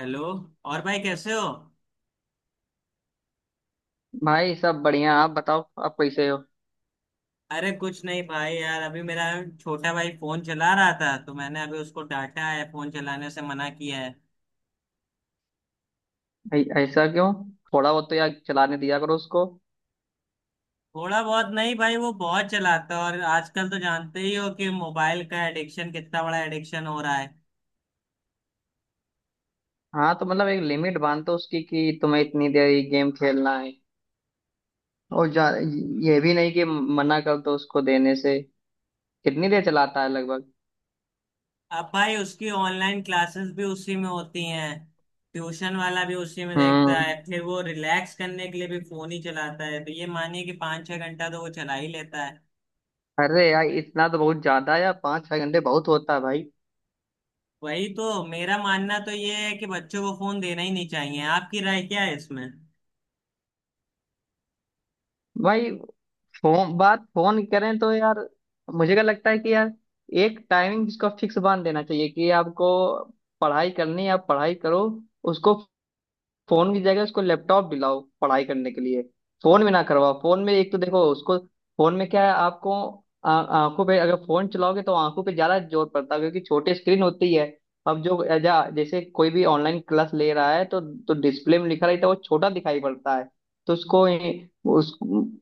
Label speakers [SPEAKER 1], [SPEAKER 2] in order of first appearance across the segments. [SPEAKER 1] Hello. और भाई कैसे हो?
[SPEAKER 2] भाई सब बढ़िया। आप बताओ आप कैसे हो।
[SPEAKER 1] अरे कुछ नहीं भाई यार, अभी मेरा छोटा भाई फोन चला रहा था तो मैंने अभी उसको डांटा है, फोन चलाने से मना किया है।
[SPEAKER 2] ऐसा क्यों? थोड़ा बहुत तो यार चलाने दिया करो उसको।
[SPEAKER 1] थोड़ा बहुत नहीं भाई, वो बहुत चलाता है। और आजकल तो जानते ही हो कि मोबाइल का एडिक्शन कितना बड़ा एडिक्शन हो रहा है।
[SPEAKER 2] हाँ तो मतलब एक लिमिट बांध दो उसकी कि तुम्हें इतनी देर ये गेम खेलना है और जा। ये भी नहीं कि मना कर दो उसको देने से। कितनी देर चलाता है लगभग?
[SPEAKER 1] अब भाई, उसकी ऑनलाइन क्लासेस भी उसी में होती हैं, ट्यूशन वाला भी उसी में देखता है,
[SPEAKER 2] हम्म।
[SPEAKER 1] फिर वो रिलैक्स करने के लिए भी फोन ही चलाता है। तो ये मानिए कि 5 6 घंटा तो वो चला ही लेता है।
[SPEAKER 2] अरे यार इतना तो बहुत ज्यादा है यार, पाँच छह घंटे बहुत होता है भाई।
[SPEAKER 1] वही तो, मेरा मानना तो ये है कि बच्चों को फोन देना ही नहीं चाहिए। आपकी राय क्या है इसमें?
[SPEAKER 2] भाई फोन बात फोन करें तो यार मुझे क्या लगता है कि यार एक टाइमिंग जिसका फिक्स बांध देना चाहिए कि आपको पढ़ाई करनी है, आप पढ़ाई करो उसको। फोन की जगह उसको लैपटॉप दिलाओ पढ़ाई करने के लिए। फोन में ना करवाओ, फोन में एक तो देखो उसको फोन में क्या है आपको। आंखों पे अगर फोन चलाओगे तो आंखों पे ज्यादा जोर पड़ता है क्योंकि छोटी स्क्रीन होती है। अब जो जैसे कोई भी ऑनलाइन क्लास ले रहा है तो डिस्प्ले में लिखा रहता है वो छोटा दिखाई पड़ता है। तो उसको उस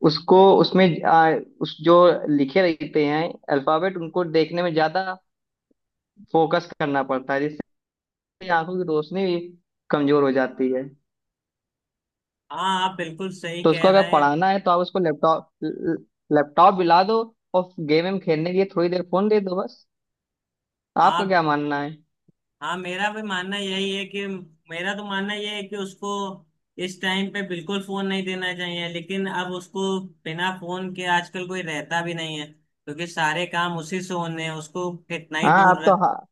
[SPEAKER 2] उसको उसमें उस जो लिखे रहते हैं अल्फाबेट उनको देखने में ज्यादा फोकस करना पड़ता है जिससे आंखों की रोशनी भी कमजोर हो जाती है।
[SPEAKER 1] हाँ, आप बिल्कुल सही
[SPEAKER 2] तो
[SPEAKER 1] कह
[SPEAKER 2] उसको अगर
[SPEAKER 1] रहे हैं।
[SPEAKER 2] पढ़ाना है तो आप उसको लैपटॉप लैपटॉप दिला दो और गेम वेम खेलने के लिए थोड़ी देर फोन दे दो बस। आपका
[SPEAKER 1] आप,
[SPEAKER 2] क्या मानना है?
[SPEAKER 1] हाँ मेरा भी मानना यही है कि, मेरा तो मानना यह है कि उसको इस टाइम पे बिल्कुल फोन नहीं देना चाहिए। लेकिन अब उसको बिना फोन के आजकल कोई रहता भी नहीं है, क्योंकि सारे काम उसी से होने हैं, उसको कितना ही
[SPEAKER 2] हाँ आप
[SPEAKER 1] दूर
[SPEAKER 2] तो,
[SPEAKER 1] रख।
[SPEAKER 2] हाँ,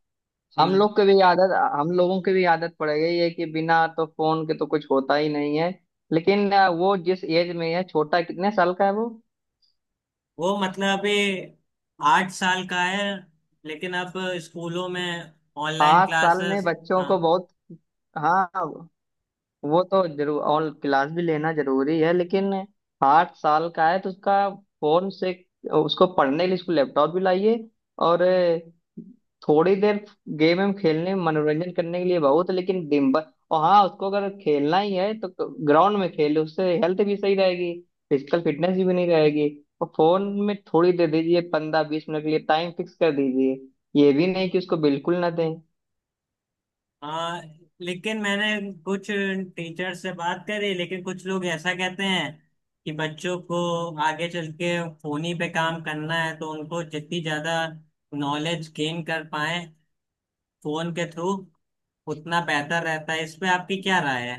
[SPEAKER 2] हम
[SPEAKER 1] हम्म,
[SPEAKER 2] लोग की भी आदत हम लोगों की भी आदत पड़ गई है कि बिना तो फोन के तो कुछ होता ही नहीं है। लेकिन वो जिस एज में है, छोटा कितने साल का है वो?
[SPEAKER 1] वो मतलब अभी 8 साल का है। लेकिन अब स्कूलों में ऑनलाइन
[SPEAKER 2] आठ साल में
[SPEAKER 1] क्लासेस।
[SPEAKER 2] बच्चों
[SPEAKER 1] हाँ।
[SPEAKER 2] को बहुत। हाँ वो तो जरूर, और क्लास भी लेना जरूरी है, लेकिन आठ साल का है तो उसका फोन से उसको पढ़ने के लिए उसको लैपटॉप भी लाइए। और थोड़ी देर गेम हम खेलने मनोरंजन करने के लिए बहुत, लेकिन दिन भर। और हाँ उसको अगर खेलना ही है तो ग्राउंड में खेले, उससे हेल्थ भी सही रहेगी, फिजिकल फिटनेस भी बनी रहेगी। और फोन में थोड़ी दे दीजिए, पंद्रह बीस मिनट के लिए टाइम फिक्स कर दीजिए, ये भी नहीं कि उसको बिल्कुल ना दें।
[SPEAKER 1] हाँ, लेकिन मैंने कुछ टीचर से बात करी, लेकिन कुछ लोग ऐसा कहते हैं कि बच्चों को आगे चल के फोन ही पे काम करना है, तो उनको जितनी ज्यादा नॉलेज गेन कर पाए फोन के थ्रू उतना बेहतर रहता है। इस पे आपकी क्या राय है?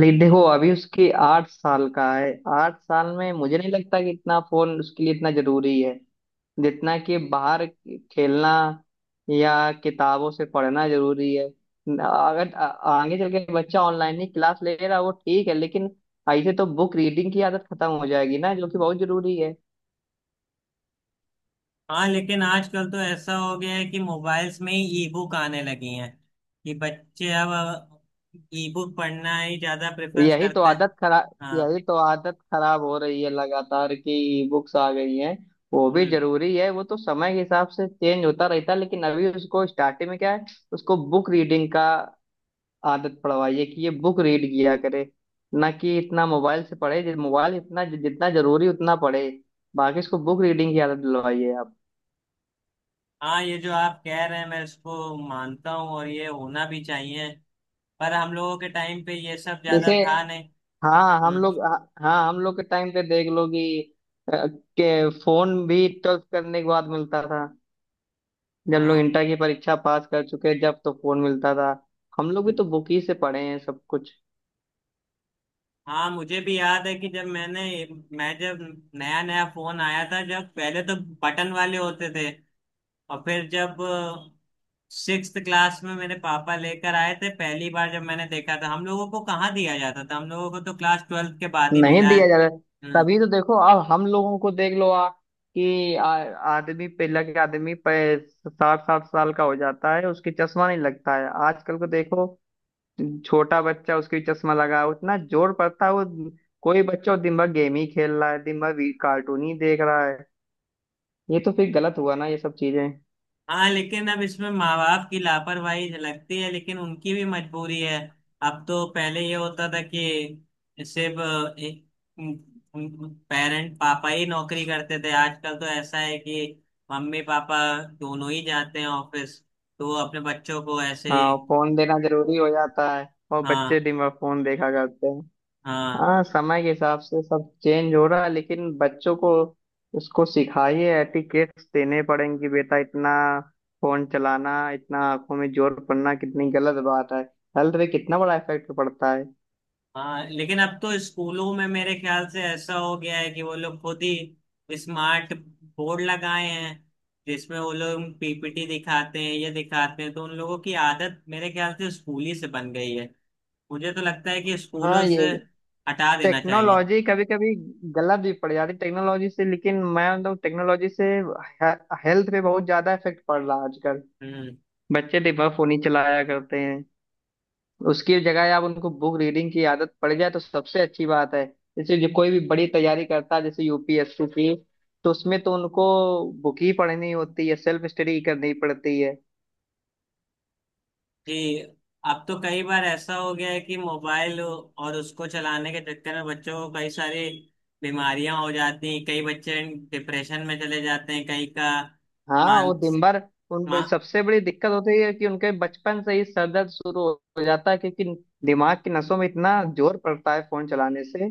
[SPEAKER 2] ले देखो अभी उसकी आठ साल का है, आठ साल में मुझे नहीं लगता कि इतना फोन उसके लिए इतना जरूरी है जितना कि बाहर खेलना या किताबों से पढ़ना जरूरी है। अगर आगे चल के बच्चा ऑनलाइन ही क्लास ले रहा है वो ठीक है, लेकिन ऐसे तो बुक रीडिंग की आदत खत्म हो जाएगी ना, जो कि बहुत जरूरी है।
[SPEAKER 1] हाँ लेकिन आजकल तो ऐसा हो गया है कि मोबाइल्स में ही ई बुक आने लगी हैं, कि बच्चे अब ई बुक पढ़ना ही ज्यादा प्रेफरेंस करते हैं। हाँ।
[SPEAKER 2] यही तो आदत खराब हो रही है लगातार कि बुक्स आ गई हैं। वो भी
[SPEAKER 1] हम्म।
[SPEAKER 2] जरूरी है, वो तो समय के हिसाब से चेंज होता रहता है, लेकिन अभी उसको स्टार्टिंग में क्या है, उसको बुक रीडिंग का आदत पड़वाइए कि ये बुक रीड किया करे, ना कि इतना मोबाइल से पढ़े। मोबाइल इतना जितना जरूरी उतना पढ़े, बाकी इसको बुक रीडिंग की आदत दिलवाइए आप।
[SPEAKER 1] हाँ, ये जो आप कह रहे हैं मैं इसको मानता हूँ, और ये होना भी चाहिए। पर हम लोगों के टाइम पे ये सब ज्यादा
[SPEAKER 2] जैसे,
[SPEAKER 1] था नहीं।
[SPEAKER 2] हाँ हम
[SPEAKER 1] हम्म।
[SPEAKER 2] लोग हाँ हम लोग के टाइम पे देख लो कि अ, के फोन भी ट्वेल्थ करने के बाद मिलता था, जब लोग
[SPEAKER 1] हाँ।
[SPEAKER 2] इंटर की परीक्षा पास कर चुके जब तो फोन मिलता था। हम लोग भी
[SPEAKER 1] हम्म,
[SPEAKER 2] तो बुक ही से पढ़े हैं सब कुछ।
[SPEAKER 1] हाँ मुझे भी याद है कि जब मैंने, मैं जब नया नया फोन आया था। जब पहले तो बटन वाले होते थे, और फिर जब 6 क्लास में मेरे पापा लेकर आए थे पहली बार जब मैंने देखा था। हम लोगों को कहाँ दिया जाता था, हम लोगों को तो क्लास 12वीं के बाद ही
[SPEAKER 2] नहीं
[SPEAKER 1] मिला है।
[SPEAKER 2] दिया जा रहा।
[SPEAKER 1] हम्म।
[SPEAKER 2] तभी तो देखो अब हम लोगों को देख लो आ कि आदमी पहला के आदमी पे साठ साठ साल का हो जाता है उसकी चश्मा नहीं लगता है। आजकल को देखो छोटा बच्चा उसकी चश्मा लगा है, उतना जोर पड़ता है वो। कोई बच्चा वो दिन भर गेम ही खेल रहा है, दिन भर भी कार्टून ही देख रहा है, ये तो फिर गलत हुआ ना ये सब चीजें।
[SPEAKER 1] हाँ लेकिन अब इसमें माँ बाप की लापरवाही झलकती है, लेकिन उनकी भी मजबूरी है। अब तो पहले ये होता था कि सिर्फ पेरेंट पापा ही नौकरी करते थे। आजकल तो ऐसा है कि मम्मी पापा दोनों ही जाते हैं ऑफिस, तो वो अपने बच्चों को ऐसे ही।
[SPEAKER 2] हाँ फोन देना जरूरी हो जाता है और बच्चे
[SPEAKER 1] हाँ।
[SPEAKER 2] दिन भर फोन देखा करते हैं।
[SPEAKER 1] हाँ।
[SPEAKER 2] हाँ समय के हिसाब से सब चेंज हो रहा है, लेकिन बच्चों को उसको सिखाइए, एटिकेट्स देने पड़ेंगे बेटा इतना। फोन चलाना, इतना आंखों में जोर पड़ना कितनी गलत बात है, हेल्थ पे कितना बड़ा इफेक्ट पड़ता है।
[SPEAKER 1] हाँ लेकिन अब तो स्कूलों में मेरे ख्याल से ऐसा हो गया है कि वो लोग खुद ही स्मार्ट बोर्ड लगाए हैं, जिसमें वो लोग पीपीटी दिखाते हैं, ये दिखाते हैं। तो उन लोगों की आदत मेरे ख्याल से स्कूल ही से बन गई है। मुझे तो लगता है कि
[SPEAKER 2] हाँ
[SPEAKER 1] स्कूलों
[SPEAKER 2] ये
[SPEAKER 1] से हटा देना चाहिए।
[SPEAKER 2] टेक्नोलॉजी कभी कभी गलत भी पड़ जाती है। टेक्नोलॉजी से, लेकिन मैं मतलब टेक्नोलॉजी से हेल्थ पे बहुत ज्यादा इफेक्ट पड़ रहा है आजकल।
[SPEAKER 1] हम्म।
[SPEAKER 2] बच्चे दिन भर फोन ही चलाया करते हैं, उसकी जगह आप उनको बुक रीडिंग की आदत पड़ जाए तो सबसे अच्छी बात है। जैसे जो कोई भी बड़ी तैयारी करता है जैसे यूपीएससी की, तो उसमें तो उनको बुक ही पढ़नी होती है, सेल्फ स्टडी करनी पड़ती है।
[SPEAKER 1] जी, अब तो कई बार ऐसा हो गया है कि मोबाइल और उसको चलाने के चक्कर में बच्चों को कई सारी बीमारियां हो जाती हैं। कई बच्चे डिप्रेशन में चले जाते हैं, कई का
[SPEAKER 2] हाँ,
[SPEAKER 1] मान,
[SPEAKER 2] वो दिन भर उन
[SPEAKER 1] मा,
[SPEAKER 2] पे सबसे बड़ी दिक्कत होती है कि उनके बचपन से ही सर दर्द शुरू हो जाता है, क्योंकि दिमाग की नसों में इतना जोर पड़ता है फोन चलाने से।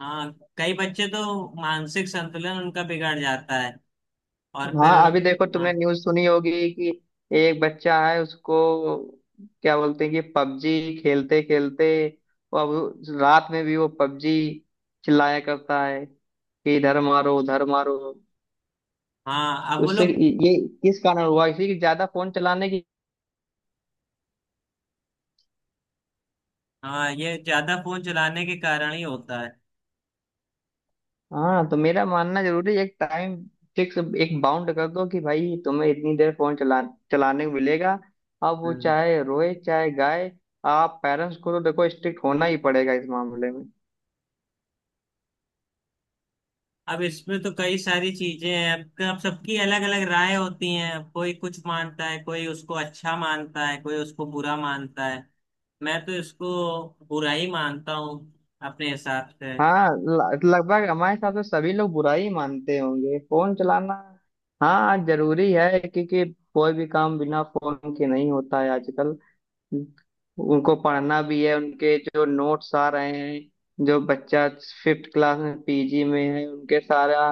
[SPEAKER 1] हाँ, कई बच्चे तो मानसिक संतुलन उनका बिगड़ जाता है। और फिर,
[SPEAKER 2] हाँ अभी देखो
[SPEAKER 1] हाँ।
[SPEAKER 2] तुमने न्यूज़ सुनी होगी कि एक बच्चा है, उसको क्या बोलते हैं कि पबजी खेलते खेलते वो अब रात में भी वो पबजी चिल्लाया करता है कि इधर मारो उधर मारो।
[SPEAKER 1] हाँ अब
[SPEAKER 2] तो
[SPEAKER 1] वो
[SPEAKER 2] उससे
[SPEAKER 1] लोग,
[SPEAKER 2] ये किस कारण हुआ, इसी की ज्यादा फोन चलाने की।
[SPEAKER 1] हाँ ये ज्यादा फोन चलाने के कारण ही होता है।
[SPEAKER 2] हाँ तो मेरा मानना जरूरी है, एक टाइम फिक्स, एक बाउंड कर दो कि भाई तुम्हें इतनी देर फोन चलाने को मिलेगा। अब वो
[SPEAKER 1] हम्म,
[SPEAKER 2] चाहे रोए चाहे गाए, आप पेरेंट्स को तो देखो स्ट्रिक्ट होना ही पड़ेगा इस मामले में।
[SPEAKER 1] अब इसमें तो कई सारी चीजें हैं। अब सबकी अलग अलग राय होती हैं। कोई कुछ मानता है, कोई उसको अच्छा मानता है, कोई उसको बुरा मानता है। मैं तो इसको बुरा ही मानता हूँ अपने हिसाब से।
[SPEAKER 2] हाँ, लगभग हमारे हिसाब से सभी लोग बुरा ही मानते होंगे फोन चलाना। हाँ जरूरी है क्योंकि कोई भी काम बिना फोन के नहीं होता है आजकल। उनको पढ़ना भी है, उनके जो नोट्स आ रहे हैं जो बच्चा फिफ्थ क्लास में पीजी में है, उनके सारा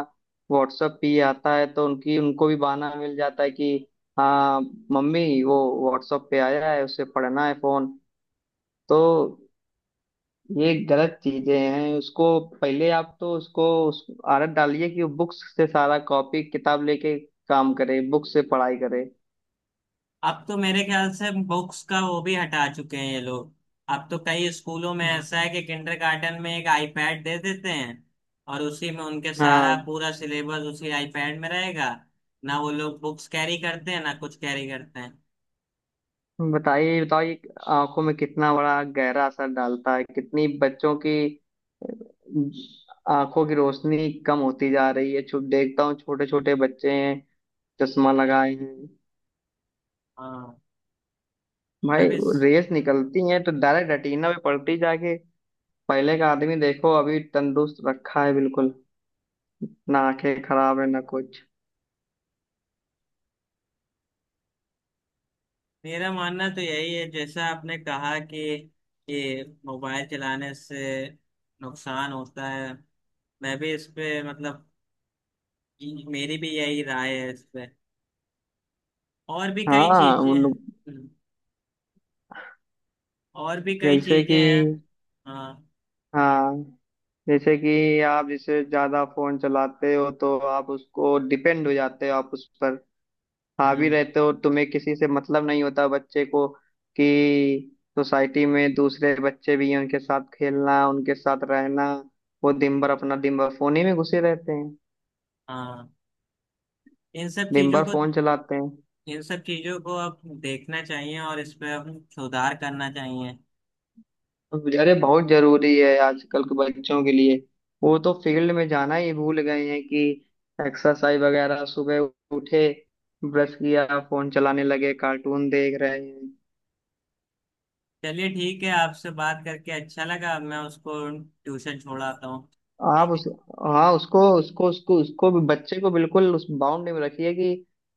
[SPEAKER 2] व्हाट्सएप पे ही आता है तो उनकी उनको भी बहाना मिल जाता है कि हाँ मम्मी वो व्हाट्सएप पे आया है उसे पढ़ना है फोन। तो ये गलत चीजें हैं। उसको पहले आप तो उसको उस आदत डालिए कि वो बुक्स से सारा कॉपी किताब लेके काम करे, बुक से पढ़ाई करे।
[SPEAKER 1] अब तो मेरे ख्याल से बुक्स का वो भी हटा चुके हैं ये लोग। अब तो कई स्कूलों में ऐसा है कि किंडरगार्टन में एक आईपैड दे देते हैं, और उसी में उनके सारा
[SPEAKER 2] हाँ,
[SPEAKER 1] पूरा सिलेबस उसी आईपैड में रहेगा। ना वो लोग बुक्स कैरी करते हैं, ना कुछ कैरी करते हैं।
[SPEAKER 2] बताइए बताइए आंखों में कितना बड़ा गहरा असर डालता है, कितनी बच्चों की आंखों की रोशनी कम होती जा रही है। देखता हूँ छोटे छोटे बच्चे हैं चश्मा लगाए हैं
[SPEAKER 1] हाँ।
[SPEAKER 2] भाई।
[SPEAKER 1] अब इस
[SPEAKER 2] रेस निकलती है तो डायरेक्ट रेटिना पे पड़ती जाके। पहले का आदमी देखो अभी तंदुरुस्त रखा है बिल्कुल, ना आंखें खराब है ना कुछ।
[SPEAKER 1] मेरा मानना तो यही है, जैसा आपने कहा कि ये मोबाइल चलाने से नुकसान होता है। मैं भी इस पे मतलब, मेरी भी यही राय है इस पे। और भी कई
[SPEAKER 2] हाँ
[SPEAKER 1] चीजें
[SPEAKER 2] उन,
[SPEAKER 1] हैं, और भी कई
[SPEAKER 2] जैसे
[SPEAKER 1] चीजें
[SPEAKER 2] कि,
[SPEAKER 1] हैं। हाँ।
[SPEAKER 2] हाँ, जैसे कि आप जैसे ज्यादा फोन चलाते हो तो आप उसको डिपेंड हो जाते हो, आप उस पर हावी
[SPEAKER 1] हम्म,
[SPEAKER 2] रहते हो, तुम्हें किसी से मतलब नहीं होता बच्चे को, कि सोसाइटी में दूसरे बच्चे भी हैं उनके साथ खेलना उनके साथ रहना। वो दिन भर अपना दिन भर फोन ही में घुसे रहते हैं,
[SPEAKER 1] हाँ, इन सब
[SPEAKER 2] दिन
[SPEAKER 1] चीजों
[SPEAKER 2] भर
[SPEAKER 1] को,
[SPEAKER 2] फोन चलाते हैं।
[SPEAKER 1] इन सब चीजों को अब देखना चाहिए, और इस पे अब सुधार करना चाहिए।
[SPEAKER 2] अरे बहुत जरूरी है आजकल के बच्चों के लिए, वो तो फील्ड में जाना ही भूल गए हैं कि एक्सरसाइज वगैरह। सुबह उठे, ब्रश किया, फोन चलाने लगे, कार्टून देख रहे हैं।
[SPEAKER 1] चलिए ठीक है, आपसे बात करके अच्छा लगा। अब मैं उसको ट्यूशन छोड़ाता हूँ,
[SPEAKER 2] आप
[SPEAKER 1] ठीक है?
[SPEAKER 2] उस, हाँ उसको, उसको भी बच्चे को बिल्कुल उस बाउंड में रखिए कि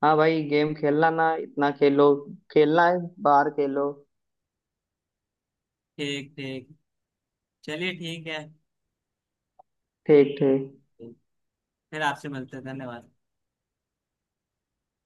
[SPEAKER 2] हाँ भाई गेम खेलना ना इतना, खेलो खेलना है बाहर खेलो।
[SPEAKER 1] ठीक ठीक। चलिए ठीक है,
[SPEAKER 2] ठीक ठीक।
[SPEAKER 1] फिर आपसे मिलते हैं। धन्यवाद।